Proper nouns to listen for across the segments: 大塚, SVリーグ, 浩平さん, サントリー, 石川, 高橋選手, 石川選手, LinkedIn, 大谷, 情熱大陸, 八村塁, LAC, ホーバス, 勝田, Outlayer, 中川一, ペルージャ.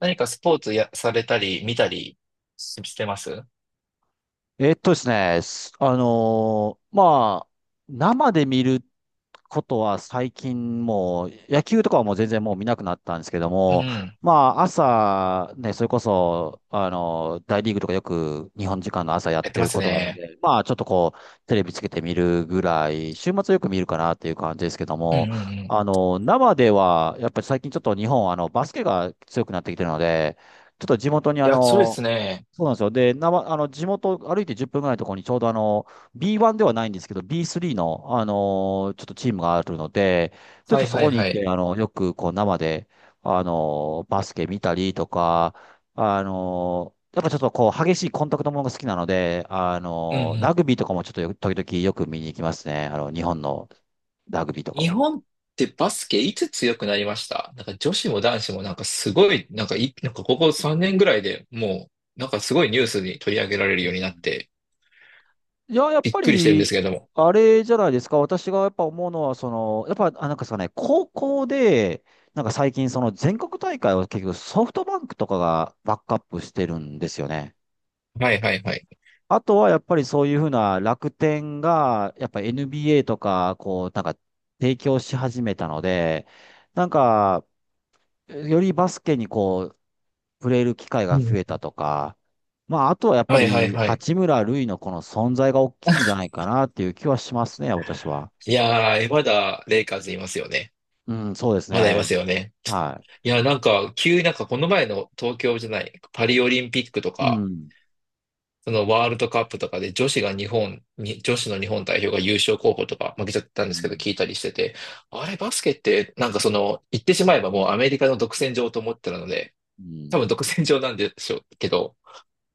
何かスポーツや、されたり、見たりしてます。えっとですね、すあのーまあ、生で見ることは最近もう、野球とかはもう全然もう見なくなったんですけどうも、ん。まあ、朝、ね、それこそ、大リーグとかよく日本時間の朝やっやっててまるすことがあるのね。で、まあ、ちょっとこう、テレビつけて見るぐらい、週末よく見るかなっていう感じですけどうんうも、んうん。い生では、やっぱり最近ちょっと日本、バスケが強くなってきてるので、ちょっと地元にや、そうですね。そうなんですよ。で、なま、あの、地元歩いて10分ぐらいのところにちょうどB1 ではないんですけど、B3 の、ちょっとチームがあるので、ちょっはといそはいこに行はっい。て、よくこう生で、バスケ見たりとか、やっぱちょっとこう、激しいコンタクトものが好きなので、うんうラん。グビーとかもちょっと時々よく見に行きますね。日本のラグビーとか日は。本ってバスケいつ強くなりました？なんか女子も男子もなんかすごい、なんかここ3年ぐらいでもう、なんかすごいニュースに取り上げられるうようになっん、て、いや、やっびぱっくりしてるんですり、けれども。あれじゃないですか。私がやっぱ思うのは、その、やっぱ、あ、なんかさね、高校で、なんか最近、その全国大会を結局ソフトバンクとかがバックアップしてるんですよね。はいはいはい。あとはやっぱりそういうふうな楽天が、やっぱ NBA とか、こう、なんか提供し始めたので、なんか、よりバスケにこう、触れる機会うがんう増えん。たとか、まあ、あとはやっぱはいはいり、はい。八村塁のこの存在が大きいんじゃないかなっていう気はしますね、私は。いやー、まだレイカーズいますよね。うん、そうですまだいますね。よね。はいや、なんか、急になんかこの前の東京じゃない、パリオリンピックとい。うか、ん。そのワールドカップとかで女子が日本に、女子の日本代表が優勝候補とか負けちゃっうたんですけどん。聞いたりしてて、あれバスケってなんかその、言ってしまえばもうアメリカの独占場と思ってたので、う多ん、分独占場なんでしょうけど、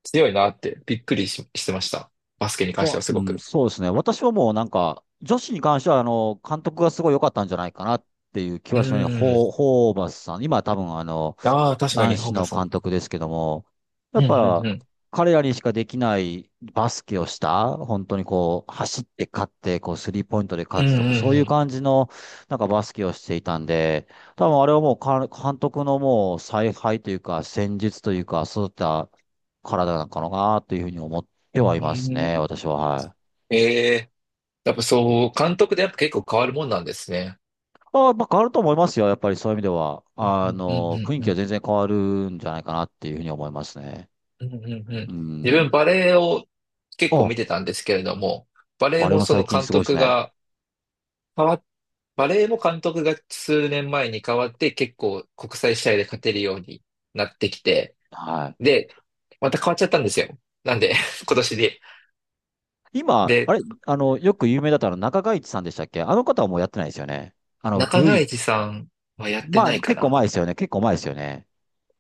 強いなってびっくりし、してました。バスケに関ましてはあ、すうごん、く。そうですね。私はもうなんか、女子に関しては、監督がすごい良かったんじゃないかなっていう気うはしますね。ーん。ホーバスさん。今多分、ああ、確か男に、ホ子ーバのスさん。監督ですけども、やうっんうんぱうん。彼らにしかできないバスケをした、本当にこう、走って勝って、こう、スリーポイントでうんう勝つとか、そういうん感じの、なんかバスケをしていたんで、多分あれはもう監督のもう采配というか、戦術というか、そういった体なのかなというふうに思ってうん。うはいますね、ん。私は。はい。ええ。やっぱそう、監督でやっぱ結構変わるもんなんですね。あ、まあ、変わると思いますよ。やっぱりそういう意味では。うんうんうん雰囲う気はん。全然変わるんじゃないかなっていうふうに思いますね。うんうんうんうん。う自ん。分バレエを結構あ、見てたんですけれども、バレエあれももそ最の近監すごいです督ね。が変わバレエも監督が数年前に変わって結構国際試合で勝てるようになってきて、はで、また変わっちゃったんですよ。なんで、今年で。い。今、あで、れ、あの、よく有名だったの中川一さんでしたっけ、あの方はもうやってないですよね。あの、中古川い、一さんはやってまあ、ないか結構な。前ですよね。結構前ですよね。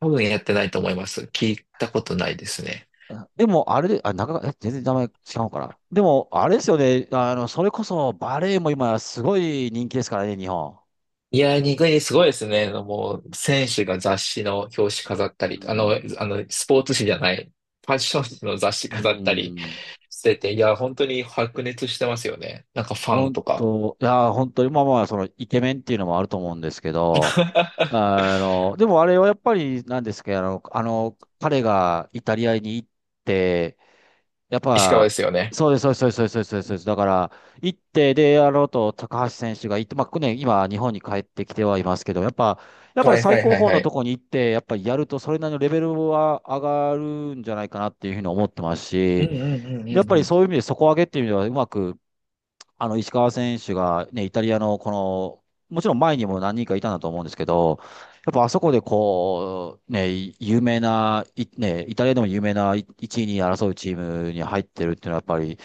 多分やってないと思います。聞いたことないですね。あでも、あれで、あ、中川、え、全然名前違うから。でも、あれですよね。それこそバレエも今すごい人気ですからね、日本。いやー、ニグニすごいですね。もう、選手が雑誌の表紙飾ったうり、ん。スポーツ誌じゃない、ファッション誌の雑誌う飾ったりん。してて、いやー、本当に白熱してますよね。なんかファン本とか。当、いや、本当に、まあまあ、その、イケメンっていうのもあると思うんですけど、でもあれはやっぱりなんですけど、彼がイタリアに行って、やっ石川でぱ、すよね。そうです、そうです、そうです、そうです、そうです。そうですだから、行って、で、あのと、高橋選手が行って、まあ、ね、今、日本に帰ってきてはいますけど、やっぱはい最はい高はい峰はのい。とこに行って、やっぱりやると、それなりのレベルは上がるんじゃないかなっていうふうに思ってますうんし、うんうんうやっぱんりうそういう意味で底上げっていう意味では、うまく石川選手がね、イタリアのもちろん前にも何人かいたんだと思うんですけど、やっぱあそこでこう、ね、有名な、いね、イタリアでも有名な1位に争うチームに入ってるっていうのはやっぱり、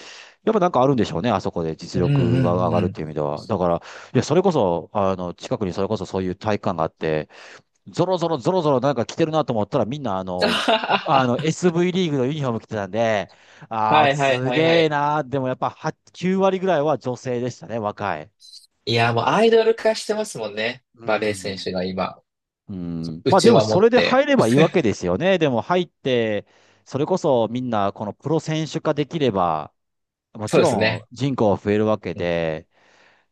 やっぱなんかあるんでしょうね、あそこでん。実うん力がう上んがうるっん。ていう意味では。だから、いや、それこそ、近くにそれこそそういう体育館があって、ゾロゾロゾロゾロなんか着てるなと思ったらみんなSV リーグのユニフォーム着てたんで、あはあ、いはいすはいはげえい。なー。でもやっぱ8、9割ぐらいは女性でしたね、若い。いやー、もうアイドル化してますもんね。うバレー選ん。手が今、うん。うまあちでもわ持そっれでて。入ればいいわけですよね。でも入って、それこそみんなこのプロ選手化できれば、もそちうですろんね。人口は増えるわけで、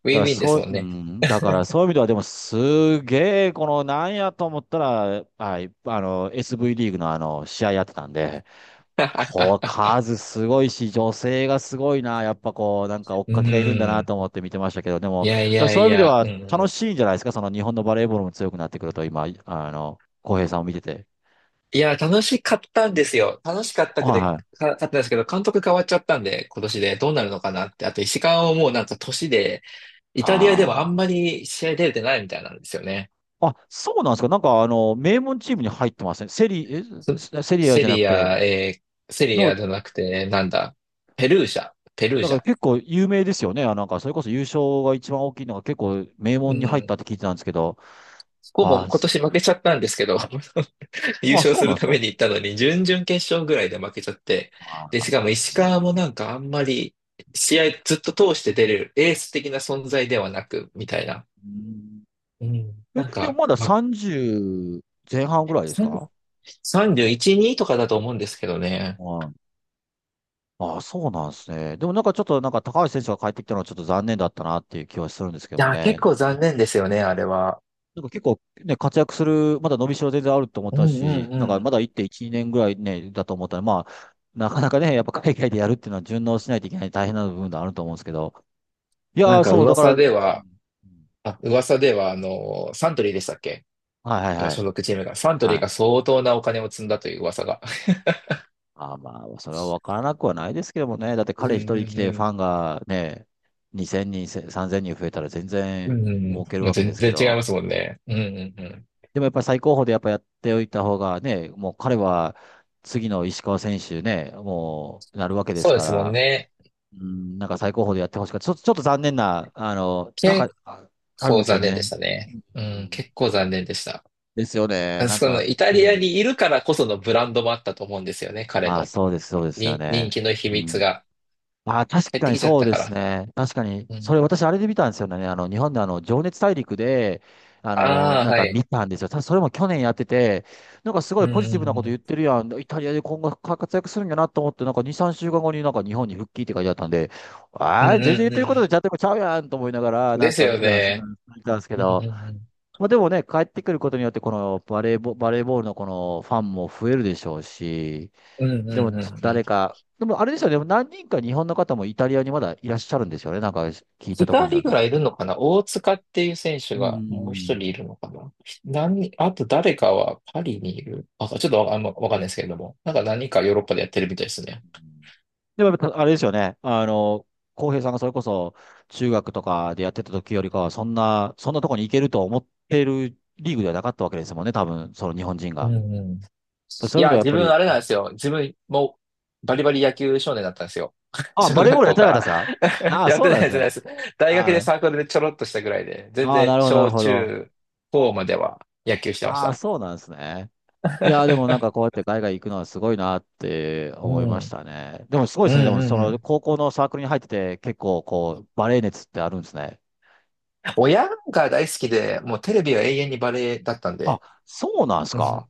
ウだかィンらウィンでそすう、もんうね。ん、だからそう いう意味ではでもすげえ、このなんやと思ったら、はい、SV リーグの試合やってたんで、こう、数すごいし、女性がすごいな。やっぱこう、なんか追っうかけがいるんだなん。と思って見てましたけど、でも、いだやいからやそういいう意味でや、うはんう楽ん。しいんじゃないですか。その日本のバレーボールも強くなってくると、今、浩平さんを見てて。いや、楽しかったんですよ。楽しかったくはいて、はい。か、かったんですけど、監督変わっちゃったんで、今年でどうなるのかなって。あと、石川をもうなんか年で、イタリアではああんまり試合出れてないみたいなんですよね。あ。あ、そうなんですか。なんか名門チームに入ってません。そセリアセじゃなくリて、ア、セリの、アじゃなくて、なんだ、ペルーなんジかャ。結構有名ですよね。あ、なんかそれこそ優勝が一番大きいのが結構名う門に入ったん。って聞いてたんですけど。ここあもー、今そ年負けちゃったんですけど、優勝そうすなんるですたか。めに行ったのに、準々決勝ぐらいで負けちゃって、あで、しかもー。石川もなんかあんまり、試合ずっと通して出れるエース的な存在ではなく、みたいな。うんうん。え、なんでもか、まだまあ、30前半ぐらいですか。31、2とかだと思うんですけどね。はい。ああ、そうなんですね。でもなんかちょっとなんか高橋選手が帰ってきたのはちょっと残念だったなっていう気はするんですけどいもや、ね。結な構残念ですよね、あれは。んか結構ね、活躍する、まだ伸びしろ全然あると思っうんたうし、んうなんかまん。だ1.1、年ぐらいね、だと思ったら、まあ、なかなかね、やっぱ海外でやるっていうのは順応しないといけない大変な部分があると思うんですけど。いなんやー、かそう、だから、噂うでん。は、噂では、あの、サントリーでしたっけ、はいはい今は所い。属チームが。サントリーはがい。相当なお金を積んだという噂が。あ、まあ、それは分からなくはないですけどもね。だってう彼一んう人来んてうフん。ァンがね、2000人、3000人増えたら全う然ん、儲けるもうわけで全すけ然違いど。ますもんね。うん、うん、うん。でもやっぱり最高峰でやっぱやっておいた方がね、もう彼は次の石川選手ね、もうなるわけでそすうでかすもんら、ね。うん、なんか最高峰でやってほしかった。ちょっと、ちょっと残念な、なんか結あ、あるんで構すよ残念でしね。たね。ううん、ん、結構残念でした。ですよね。あなんその、か、イタうリアん、にいるからこそのブランドもあったと思うんですよね、彼まあの。そうです、そうですよに、人ね。気の秘う密ん、が。あー、確減っかてにきちゃっそうたでかすら。ね。確かに。うそん。れ私あれで見たんですよね。日本で情熱大陸で、ああ、なんはか見い。たんですよ。それも去年やってて、なんかすごういん、ポうジティん、ブなこうと言ん。ってるやん。イタリアで今後活躍するんやなと思って、なんか2、3週間後になんか日本に復帰って書いてあったんで、うあん、ー、全然う言っん、てることでうちゃんとちゃうやんと思いながら、ん。なでんすかよ見ね。てたんです、けうん、うど。ん、まあでもね、帰ってくることによって、このバレーボ、バレーボールのこのファンも増えるでしょうし、うん。うでん、うも、ん、うちょっとん。うん。誰か、でもあれですよね、でも何人か日本の方もイタリアにまだいらっしゃるんですよね、なんか聞いた二ところによ人るぐと。らいいるのかな。大塚っていう選手うがもう一ん。人いるのかな。何、あと誰かはパリにいる。あ、ちょっとわ、あんまわかんないですけれども。なんか何かヨーロッパでやってるみたいですね。でもやっぱあれですよね、浩平さんがそれこそ中学とかでやってた時よりかは、そんなとこに行けると思ってるリーグではなかったわけですもんね、多分、その日本人うが。んうん。そいういう意味や、ではやっ自ぱ分り、あれなんですよ。自分もバリバリ野球少年だったんですよ。あ、小バレー学ボールやっ校てなかかったら ですか。あ あ、やっそてうなないんでですす、ね。やってないです。大学であサークルでちょろっとしたぐらいで、全あ、ああ、然なるほど、なる小ほど。中高までは野球してましああ、た。そうなんですね。いやー、でもなんかこ うやって海外行くのはすごいなってう思いましん。たね。でもすごいでうんうすね。でもそんうのん。高校のサークルに入ってて結構こうバレエ熱ってあるんですね。親が大好きで、もうテレビは永遠にバレエだったんあ、で、そうなんですうか。ん、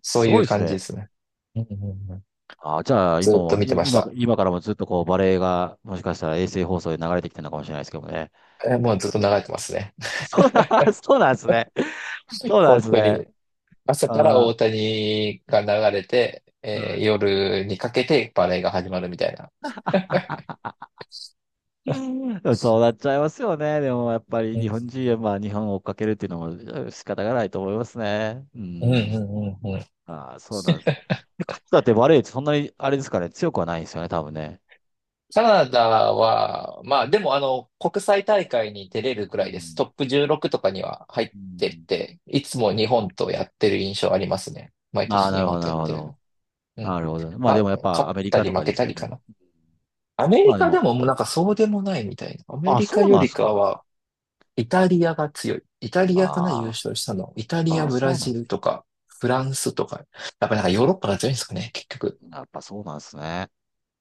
そうすいごういです感じね。ですね。うんうんうん。あ、じゃあ今ずっとも、見てました。今からもずっとこうバレエがもしかしたら衛星放送で流れてきてるのかもしれないですけどもね。えーもうずっと流れてますね。そうな、そうなんですね。そ うなん本です当ね。に。朝からあー、大谷が流れて、うえん。ー夜にかけてバレエが始まるみたいな。そうなっちゃいますよね。でもやっぱりう日ん本人はまあ日本を追っかけるっていうのも仕方がないと思いますね。ううんうん。んうんうん。ああ、そうなんですね。で、勝田ってバレーってそんなに、あれですかね、強くはないんですよね、多分ね。カナダは、まあでもあの、国際大会に出れるくうらいです。ん。トップ16とかには入っうてっん。て、いつも日本とやってる印象ありますね。毎ああ、年な日るほど、本となやるっほてど。る。うん。なるほど。まあでま、もやっ勝ぱアっメリたカりとか負けですたよりかね。な。アメまリあでカでも、ももうなんかそうでもないみたいな。アメあ、リカそうよなんでりすかか。は、イタリアが強い。イタリアかな、優あ勝したの。イタあ、リあア、あ、ブそラうなんジでルす。とか、フランスとか。やっぱなんかヨーロッパが強いんですかね、結局。やっぱそうなんですね。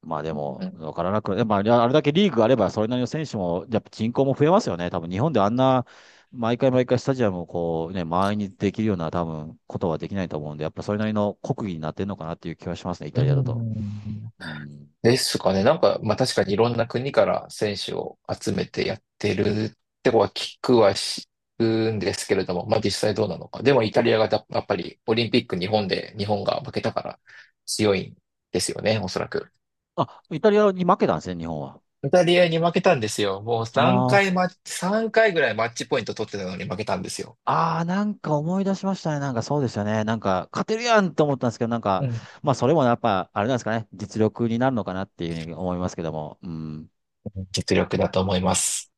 まあでうんうも、ん。わからなく、でもあれあれだけリーグがあれば、それなりの選手も、やっぱ人口も増えますよね。多分日本であんな、毎回毎回スタジアムをこうね、満員にできるような多分ことはできないと思うんで、やっぱそれなりの国技になってるのかなっていう気はしますね、イタうリアだと。ん。うん。ですかね。なんか、まあ確かにいろんな国から選手を集めてやってるってことは聞くんですけれども、まあ実際どうなのか。でもイタリアがやっぱりオリンピック日本で日本が負けたから強いんですよね、おそらく。あ、イタリアに負けたんですね、日本は。イタリアに負けたんですよ。もう3あー、回マッチ、3回ぐらいマッチポイント取ってたのに負けたんですよ。あー、なんか思い出しましたね。なんかそうですよね。なんか勝てるやんって思ったんですけど、なんか、うん。まあそれもやっぱ、あれなんですかね、実力になるのかなっていうふうに思いますけども。うん。実力だと思います。